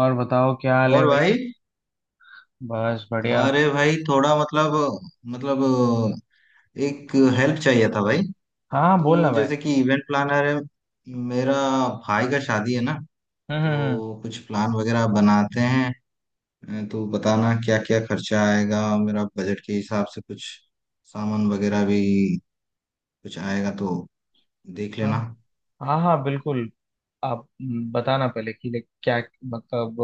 और बताओ क्या हाल है और भाई। भाई। बस बढ़िया। अरे भाई, थोड़ा मतलब एक हेल्प चाहिए था भाई। हाँ हाँ, बोलना तो भाई। जैसे कि इवेंट प्लानर है मेरा, भाई का शादी है ना? हम्म हम्म हम्म, तो कुछ प्लान वगैरह बनाते हैं, तो बताना क्या क्या खर्चा आएगा मेरा बजट के हिसाब से। कुछ सामान वगैरह भी कुछ आएगा तो देख हाँ लेना। हाँ हाँ बिल्कुल। आप बताना पहले कि like क्या मतलब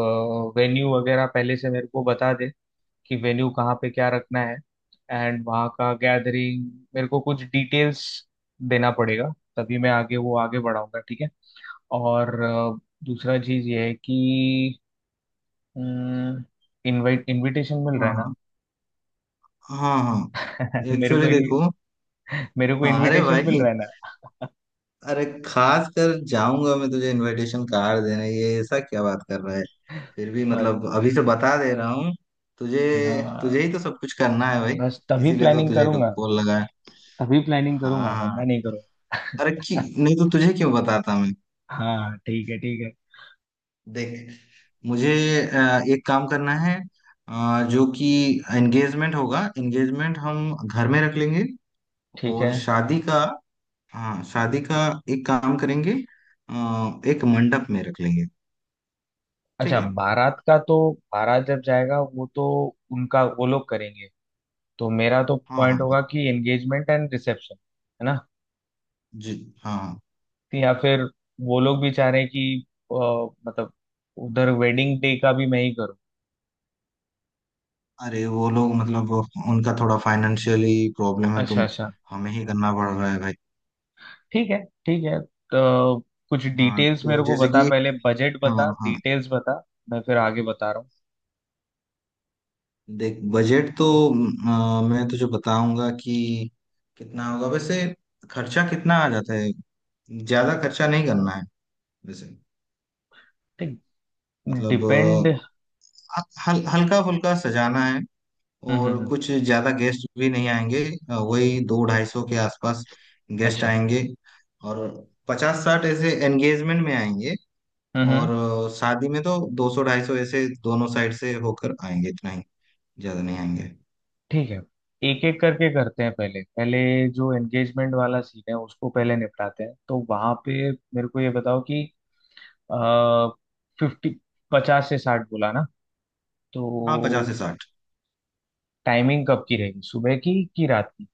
वेन्यू वगैरह पहले से मेरे को बता दे कि वेन्यू कहाँ पे क्या रखना है। एंड वहाँ का गैदरिंग मेरे को कुछ डिटेल्स देना पड़ेगा। तभी मैं आगे वो आगे बढ़ाऊंगा ठीक है। और दूसरा चीज़ ये है कि हम्म, इनवाइट इनविटेशन मिल रहा है हाँ हाँ हाँ हाँ। ना। एक्चुअली देखो, मेरे को हाँ अरे इनविटेशन भाई, मिल रहा है अरे खास कर जाऊंगा मैं तुझे इनविटेशन कार्ड देने, ये ऐसा क्या बात कर रहा है? फिर भी ना। मतलब अभी से बता दे रहा हूँ तुझे, हाँ तुझे ही तो सब कुछ करना है भाई, बस तभी इसीलिए तो प्लानिंग तुझे करूंगा। कॉल लगा है। तभी प्लानिंग हाँ करूंगा वरना हाँ। नहीं अरे क्यों, करूंगा। नहीं तो तुझे क्यों बताता मैं? हाँ ठीक है ठीक है देख मुझे एक काम करना है, जो कि एंगेजमेंट होगा, एंगेजमेंट हम घर में रख लेंगे। ठीक है। और शादी का, हाँ शादी का एक काम करेंगे, एक मंडप में रख लेंगे। ठीक अच्छा है। बारात का तो बारात जब जाएगा वो तो उनका वो लोग करेंगे। तो मेरा तो हाँ हाँ पॉइंट हाँ, होगा कि एंगेजमेंट एंड रिसेप्शन है ना। जी हाँ हाँ। या फिर वो लोग भी चाह रहे हैं कि अ, मतलब उधर वेडिंग डे का भी मैं ही करूँ। अरे वो लोग मतलब उनका थोड़ा फाइनेंशियली प्रॉब्लम है, तो अच्छा अच्छा। हमें ही करना पड़ रहा है भाई। ठीक है ठीक है। तो कुछ हाँ डिटेल्स तो मेरे को जैसे बता कि, पहले बजट हाँ बता हाँ, डिटेल्स बता। मैं फिर आगे बता रहा देख बजट तो मैं तुझे बताऊंगा कि कितना होगा, वैसे खर्चा कितना आ जाता है। ज्यादा खर्चा नहीं करना है वैसे। हूँ। मतलब डिपेंड। हल्का फुल्का सजाना है हम्म हम्म और हम्म, कुछ ज्यादा गेस्ट भी नहीं आएंगे। वही 200-250 के आसपास गेस्ट अच्छा। आएंगे, और 50-60 ऐसे एंगेजमेंट में आएंगे, हम्म और हम्म, शादी में तो 200-250 ऐसे दोनों साइड से होकर आएंगे, इतना ही, ज्यादा नहीं आएंगे। ठीक है। एक एक करके करते हैं पहले पहले जो एंगेजमेंट वाला सीन है उसको पहले निपटाते हैं तो वहां पे मेरे को ये बताओ कि फिफ्टी 50 से 60 बोला ना। हाँ पचास तो से साठ टाइमिंग कब की रहेगी सुबह की कि रात की।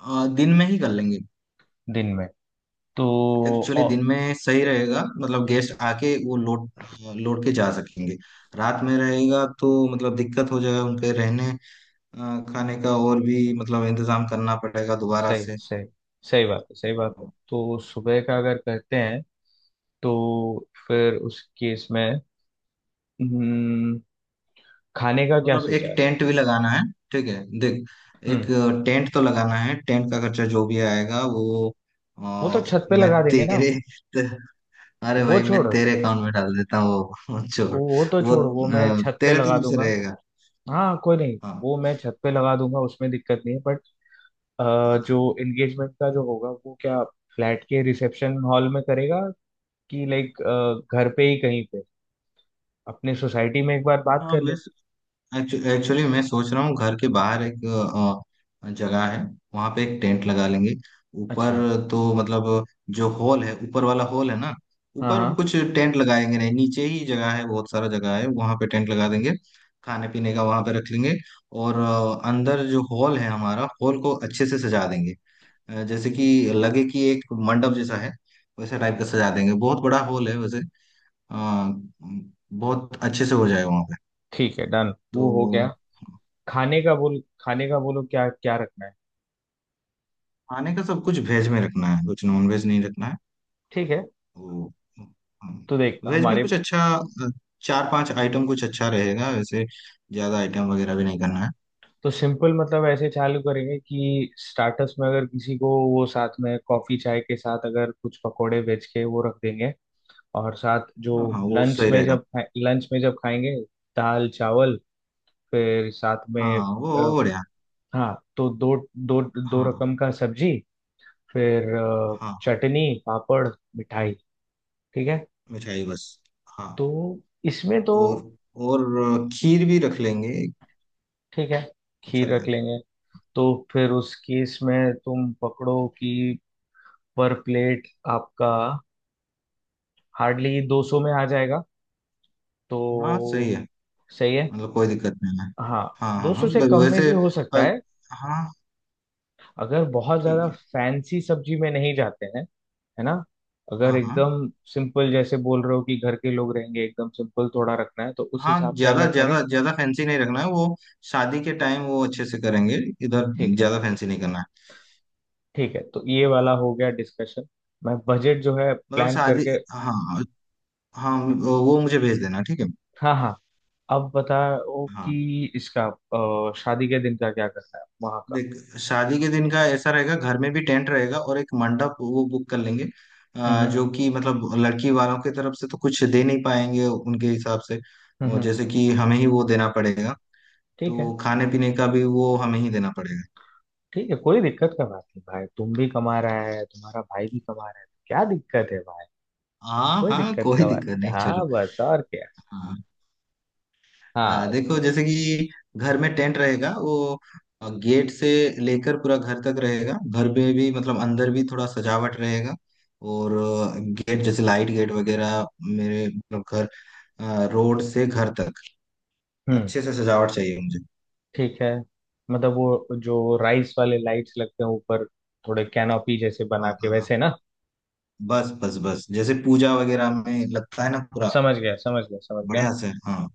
दिन में ही कर लेंगे। दिन में तो एक्चुअली ओ, दिन में सही रहेगा, मतलब गेस्ट आके वो लोड के जा सकेंगे। रात में रहेगा तो मतलब दिक्कत हो जाएगा, उनके रहने खाने का और भी मतलब इंतजाम करना पड़ेगा दोबारा सही से। सही सही बात है सही बात है। तो सुबह का अगर करते हैं तो फिर उस केस में हम्म, खाने का क्या मतलब सोचा एक है। टेंट भी लगाना है। ठीक है देख, एक हम्म, टेंट तो लगाना है, टेंट का खर्चा जो भी आएगा वो वो तो अ, छत पे मैं लगा देंगे ना। तेरे अरे वो भाई मैं छोड़। तेरे अकाउंट में डाल देता हूँ। वो छोड़, वो तो वो छोड़ वो मैं छत पे तेरे लगा तरफ से दूंगा। रहेगा। हाँ कोई नहीं हाँ वो मैं छत पे लगा दूंगा उसमें दिक्कत नहीं है बट हाँ जो एंगेजमेंट का जो होगा वो क्या फ्लैट के रिसेप्शन हॉल में करेगा कि लाइक घर पे ही कहीं पे अपने सोसाइटी में एक बार बात हाँ। कर मैं ले। एक्चुअली मैं सोच रहा हूँ घर के बाहर एक जगह है, वहां पे एक टेंट लगा लेंगे ऊपर। अच्छा। तो मतलब जो हॉल है, ऊपर वाला हॉल है ना, हाँ ऊपर हाँ। कुछ टेंट लगाएंगे नहीं, नीचे ही जगह है, बहुत सारा जगह है, वहां पे टेंट लगा देंगे, खाने पीने का वहां पे रख लेंगे। और अंदर जो हॉल है, हमारा हॉल को अच्छे से सजा देंगे, जैसे कि लगे कि एक मंडप जैसा है, वैसा टाइप का सजा देंगे। बहुत बड़ा हॉल है वैसे, अ, बहुत अच्छे से हो जाएगा वहां पे। ठीक है डन तो वो हो गया। खाने का बोल खाने का बोलो क्या क्या रखना है। खाने का सब कुछ वेज में रखना है, कुछ नॉन वेज नहीं रखना है ठीक है। वो। तो देख वेज में हमारे कुछ अच्छा, चार पांच आइटम कुछ अच्छा रहेगा वैसे, ज्यादा आइटम वगैरह भी नहीं करना है। तो सिंपल मतलब ऐसे चालू करेंगे कि स्टार्टर्स में अगर किसी को वो साथ में कॉफी चाय के साथ अगर कुछ पकोड़े बेच के वो रख देंगे। और साथ जो हाँ हाँ वो लंच सही में रहेगा। जब लंच में जब खाएंगे दाल चावल फिर साथ में हाँ वो अ, बढ़िया। हाँ तो दो दो दो हाँ हाँ रकम का सब्जी फिर हाँ, चटनी पापड़ मिठाई। ठीक है। मिठाई बस। हाँ, तो इसमें तो और और खीर भी रख लेंगे, ठीक है अच्छा खीर रख रहेगा। लेंगे। तो फिर उस केस में तुम पकड़ो कि पर प्लेट आपका हार्डली 200 में आ जाएगा। हाँ तो सही है, सही है। मतलब कोई दिक्कत नहीं है। हाँ हाँ हाँ 200 हाँ, से कम में वैसे भी हो सकता अ, है हाँ अगर बहुत ज्यादा ठीक है। फैंसी सब्जी में नहीं जाते हैं है ना। अगर हाँ हाँ एकदम सिंपल जैसे बोल रहे हो कि घर के लोग रहेंगे एकदम सिंपल थोड़ा रखना है तो उस हाँ, हिसाब से ज्यादा अगर करें। ज्यादा ज्यादा फैंसी नहीं रखना है वो, शादी के टाइम वो अच्छे से करेंगे। इधर ठीक है ज्यादा फैंसी नहीं करना है। ठीक है। तो ये वाला हो गया डिस्कशन। मैं बजट जो है मतलब प्लान शादी, करके हाँ हाँ, हम्म। वो मुझे भेज देना ठीक है। हाँ हाँ। अब बताओ हाँ कि इसका शादी के दिन का क्या करना है वहाँ का। देख, शादी के दिन का ऐसा रहेगा, घर में भी टेंट रहेगा और एक मंडप वो बुक कर लेंगे। हम्म जो कि मतलब लड़की वालों की तरफ से तो कुछ दे नहीं पाएंगे उनके हिसाब से, हम्म वो हम्म। जैसे कि हमें ही वो देना पड़ेगा। ठीक है तो खाने पीने का भी वो हमें ही देना पड़ेगा। ठीक है कोई दिक्कत का बात नहीं भाई तुम भी कमा रहा है तुम्हारा भाई भी कमा रहा है तो क्या दिक्कत है भाई। हाँ कोई हाँ, दिक्कत कोई का बात दिक्कत नहीं। नहीं, चलो। हाँ बस और क्या। हाँ हाँ हाँ। देखो, जैसे कि घर में टेंट रहेगा, वो गेट से लेकर पूरा घर तक रहेगा। घर पे भी मतलब अंदर भी थोड़ा सजावट रहेगा, और गेट जैसे लाइट गेट वगैरह, मेरे मतलब घर, रोड से घर तक हम्म। अच्छे से सजावट चाहिए मुझे। ठीक है। मतलब वो जो राइस वाले लाइट्स लगते हैं ऊपर थोड़े कैनोपी जैसे हाँ बना के हाँ हाँ, वैसे ना। बस बस बस जैसे पूजा वगैरह में लगता है ना पूरा, समझ गया समझ गया समझ गया। बढ़िया से, हाँ।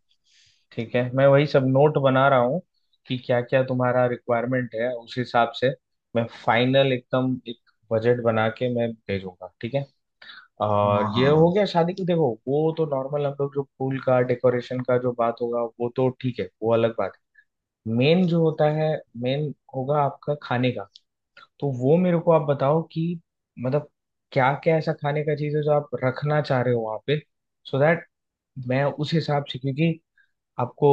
ठीक है मैं वही सब नोट बना रहा हूँ कि क्या क्या तुम्हारा रिक्वायरमेंट है उस हिसाब से मैं फाइनल एकदम एक बजट बना के मैं भेजूंगा। ठीक है। हाँ और ये हाँ हो हाँ गया शादी की देखो वो तो नॉर्मल हम लोग जो फूल का डेकोरेशन का जो बात होगा वो तो ठीक है वो अलग बात है। मेन जो होता है मेन होगा आपका खाने का। तो वो मेरे को आप बताओ कि मतलब क्या क्या ऐसा खाने का चीज है जो आप रखना चाह रहे हो वहां पे सो दैट मैं उस हिसाब से क्योंकि आपको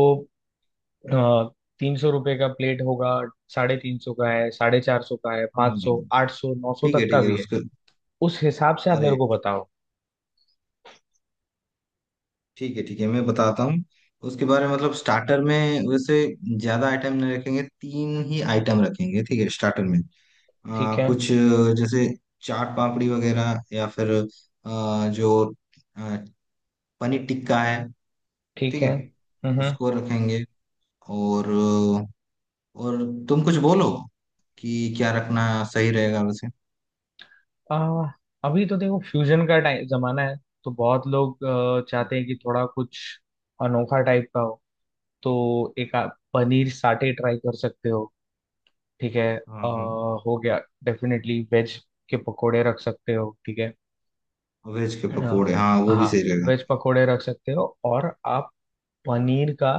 300 रुपये का प्लेट होगा 350 का है 450 का है हाँ हाँ, 500 हाँ। 800 900 तक का ठीक है भी है। उसके, उस हिसाब से आप मेरे अरे को बताओ। ठीक है मैं बताता हूँ उसके बारे में। मतलब स्टार्टर में वैसे ज्यादा आइटम नहीं रखेंगे, तीन ही आइटम रखेंगे ठीक है स्टार्टर में। ठीक है कुछ जैसे चाट पापड़ी वगैरह, या फिर जो अ, पनीर टिक्का है, ठीक ठीक है। है उसको रखेंगे। और अ, और तुम कुछ बोलो कि क्या रखना सही रहेगा वैसे। आ, अभी तो देखो फ्यूजन का टाइम जमाना है। तो बहुत लोग चाहते हैं कि थोड़ा कुछ अनोखा टाइप का हो। तो एक आप पनीर साटे ट्राई कर सकते हो। ठीक है। हाँ हाँ, हो गया डेफिनेटली वेज के पकोड़े रख सकते हो। ठीक है। वेज के आ, पकोड़े, हाँ वो भी हाँ सही रहेगा। वेज पकोड़े रख सकते हो और आप पनीर का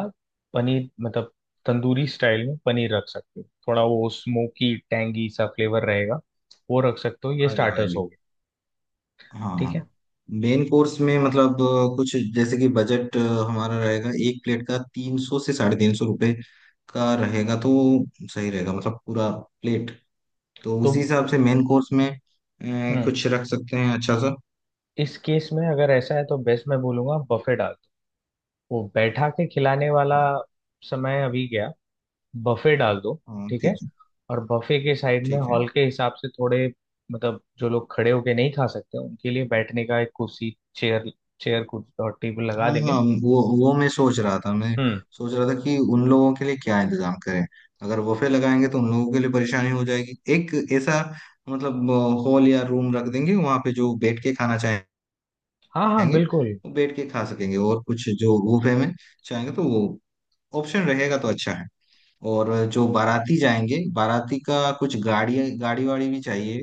पनीर मतलब तंदूरी स्टाइल में पनीर रख सकते हो थोड़ा वो स्मोकी टैंगी सा फ्लेवर रहेगा। वो रख सकते हो ये अरे स्टार्टर्स भाई, हो गए। हाँ हाँ, ठीक है। मेन कोर्स में मतलब कुछ, जैसे कि बजट हमारा रहेगा एक प्लेट का 300 से 350 रुपये का रहेगा, तो सही रहेगा मतलब पूरा प्लेट। तो तो उसी हिसाब से मेन कोर्स में हम्म कुछ रख सकते हैं अच्छा सा। इस केस में अगर ऐसा है तो बेस्ट मैं बोलूंगा बफे डाल दो। वो बैठा के खिलाने वाला हाँ समय अभी गया। बफे डाल दो। हाँ, ठीक है। ठीक है और बफे के साइड में ठीक है। हॉल के हिसाब से थोड़े मतलब जो लोग खड़े होके नहीं खा सकते उनके लिए बैठने का एक कुर्सी चेयर चेयर कुर्सी और टेबल लगा हाँ हाँ, देंगे। वो मैं सोच रहा था मैं हम्म। सोच रहा था कि उन लोगों के लिए क्या इंतजाम करें। अगर वफे लगाएंगे तो उन लोगों के लिए परेशानी हो जाएगी, एक ऐसा मतलब हॉल या रूम रख देंगे वहां पे, जो बैठ के खाना चाहे हाँ हाँ खाएंगे, बिल्कुल। वो बैठ के खा सकेंगे, और कुछ जो बुफे में चाहेंगे तो वो ऑप्शन रहेगा, तो अच्छा है। और जो बाराती जाएंगे, बाराती का कुछ गाड़ी गाड़ी वाड़ी भी चाहिए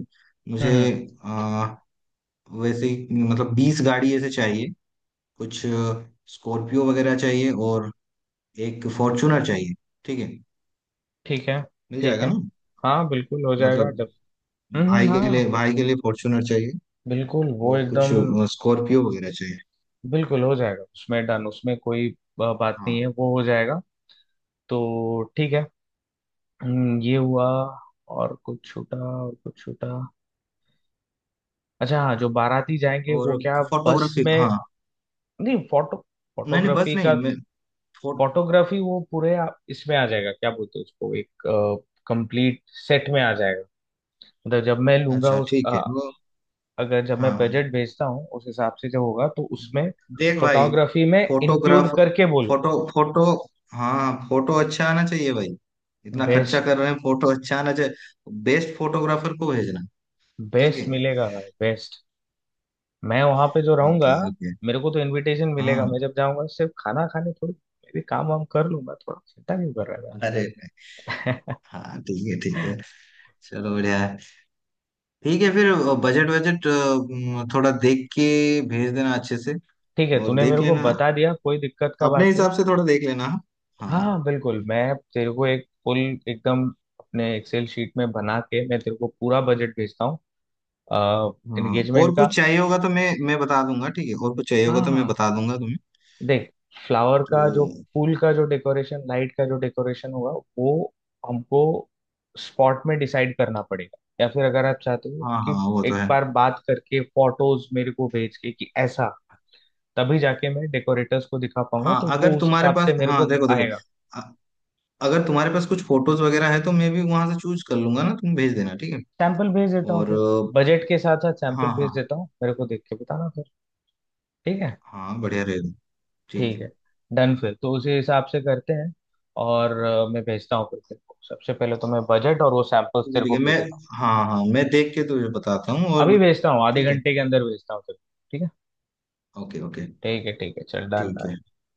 हम्म मुझे। हम्म, आ, वैसे ही मतलब 20 गाड़ी ऐसे चाहिए, कुछ स्कॉर्पियो वगैरह चाहिए, और एक फॉर्चूनर चाहिए। ठीक है, ठीक है। मिल ठीक जाएगा है। ना? हाँ बिल्कुल हो जाएगा। मतलब भाई के लिए, हाँ। भाई के लिए फॉर्चूनर चाहिए, बिल्कुल वो और कुछ एकदम स्कॉर्पियो वगैरह चाहिए। बिल्कुल हो जाएगा उसमें डन उसमें कोई बात नहीं है हाँ, वो हो जाएगा। तो ठीक है। ये हुआ। और कुछ छूटा और कुछ छूटा। अच्छा हाँ जो बाराती जाएंगे वो और क्या बस फोटोग्राफी, में हाँ नहीं नहीं नहीं बस फोटोग्राफी का। नहीं मैं, फोटोग्राफी वो पूरे इसमें आ जाएगा क्या बोलते हैं उसको एक कंप्लीट सेट में आ जाएगा। मतलब जब मैं लूंगा अच्छा उस ठीक है वो। अगर जब मैं हाँ बजट भेजता हूँ उस हिसाब से जो होगा तो उसमें देख भाई, फोटोग्राफी में फोटोग्राफ इंक्लूड करके बोलूंगा। फोटो फोटो हाँ फोटो अच्छा आना चाहिए भाई, इतना खर्चा बेस्ट। कर रहे हैं, फोटो अच्छा आना चाहिए। बेस्ट फोटोग्राफर को भेजना। ठीक है, बेस्ट मिलेगा भाई बेस्ट। मैं वहां पे जो ओके रहूंगा ओके। मेरे को तो इनविटेशन मिलेगा हाँ, मैं जब जाऊंगा सिर्फ खाना खाने थोड़ी मैं भी काम वाम कर लूंगा थोड़ा चिंता क्यों कर रहा अरे है भाई? हाँ ठीक है ठीक है, चलो बढ़िया है। ठीक है फिर, बजट बजट थोड़ा देख के भेज देना अच्छे से, ठीक है और तूने देख मेरे को लेना, बता दिया कोई दिक्कत का अपने बात नहीं। हिसाब से थोड़ा देख लेना। हाँ हाँ। हाँ बिल्कुल मैं तेरे को एक फुल एकदम अपने एक्सेल शीट में बना के मैं तेरे को पूरा बजट भेजता हूँ हाँ, एंगेजमेंट और का। कुछ चाहिए होगा तो मैं बता दूंगा ठीक है, और कुछ चाहिए हाँ होगा तो मैं हाँ, बता दूंगा तुम्हें। देख फ्लावर तो का जो फूल का जो डेकोरेशन लाइट का जो डेकोरेशन होगा वो हमको स्पॉट में डिसाइड करना पड़ेगा या फिर अगर आप चाहते हो हाँ हाँ कि वो तो एक है। बार बात करके फोटोज मेरे को भेज के कि ऐसा तभी जाके मैं डेकोरेटर्स को दिखा पाऊंगा हाँ तो अगर वो उस तुम्हारे हिसाब से पास, मेरे हाँ को देखो देखो, आएगा। अ- अगर तुम्हारे पास कुछ फोटोज वगैरह है तो मैं भी वहां से चूज कर लूंगा ना, तुम भेज देना ठीक है। सैंपल भेज देता हूँ और फिर बजट के साथ साथ हाँ सैंपल भेज हाँ देता हूँ मेरे को देख के बताना फिर। ठीक है। हाँ बढ़िया रहेगा, ठीक ठीक है है डन फिर तो उसी हिसाब से करते हैं। और मैं भेजता हूँ फिर तेरे को सबसे पहले तो मैं बजट और वो सैंपल्स ठीक है। तेरे ठीक को है भेज मैं, देता हूँ। हाँ हाँ मैं देख के तुझे बताता हूँ। और अभी भेजता हूँ आधे ठीक है, घंटे के अंदर भेजता हूँ तेरे को। ठीक है ओके ओके, ठीक है ठीक है चल डन। ठीक है।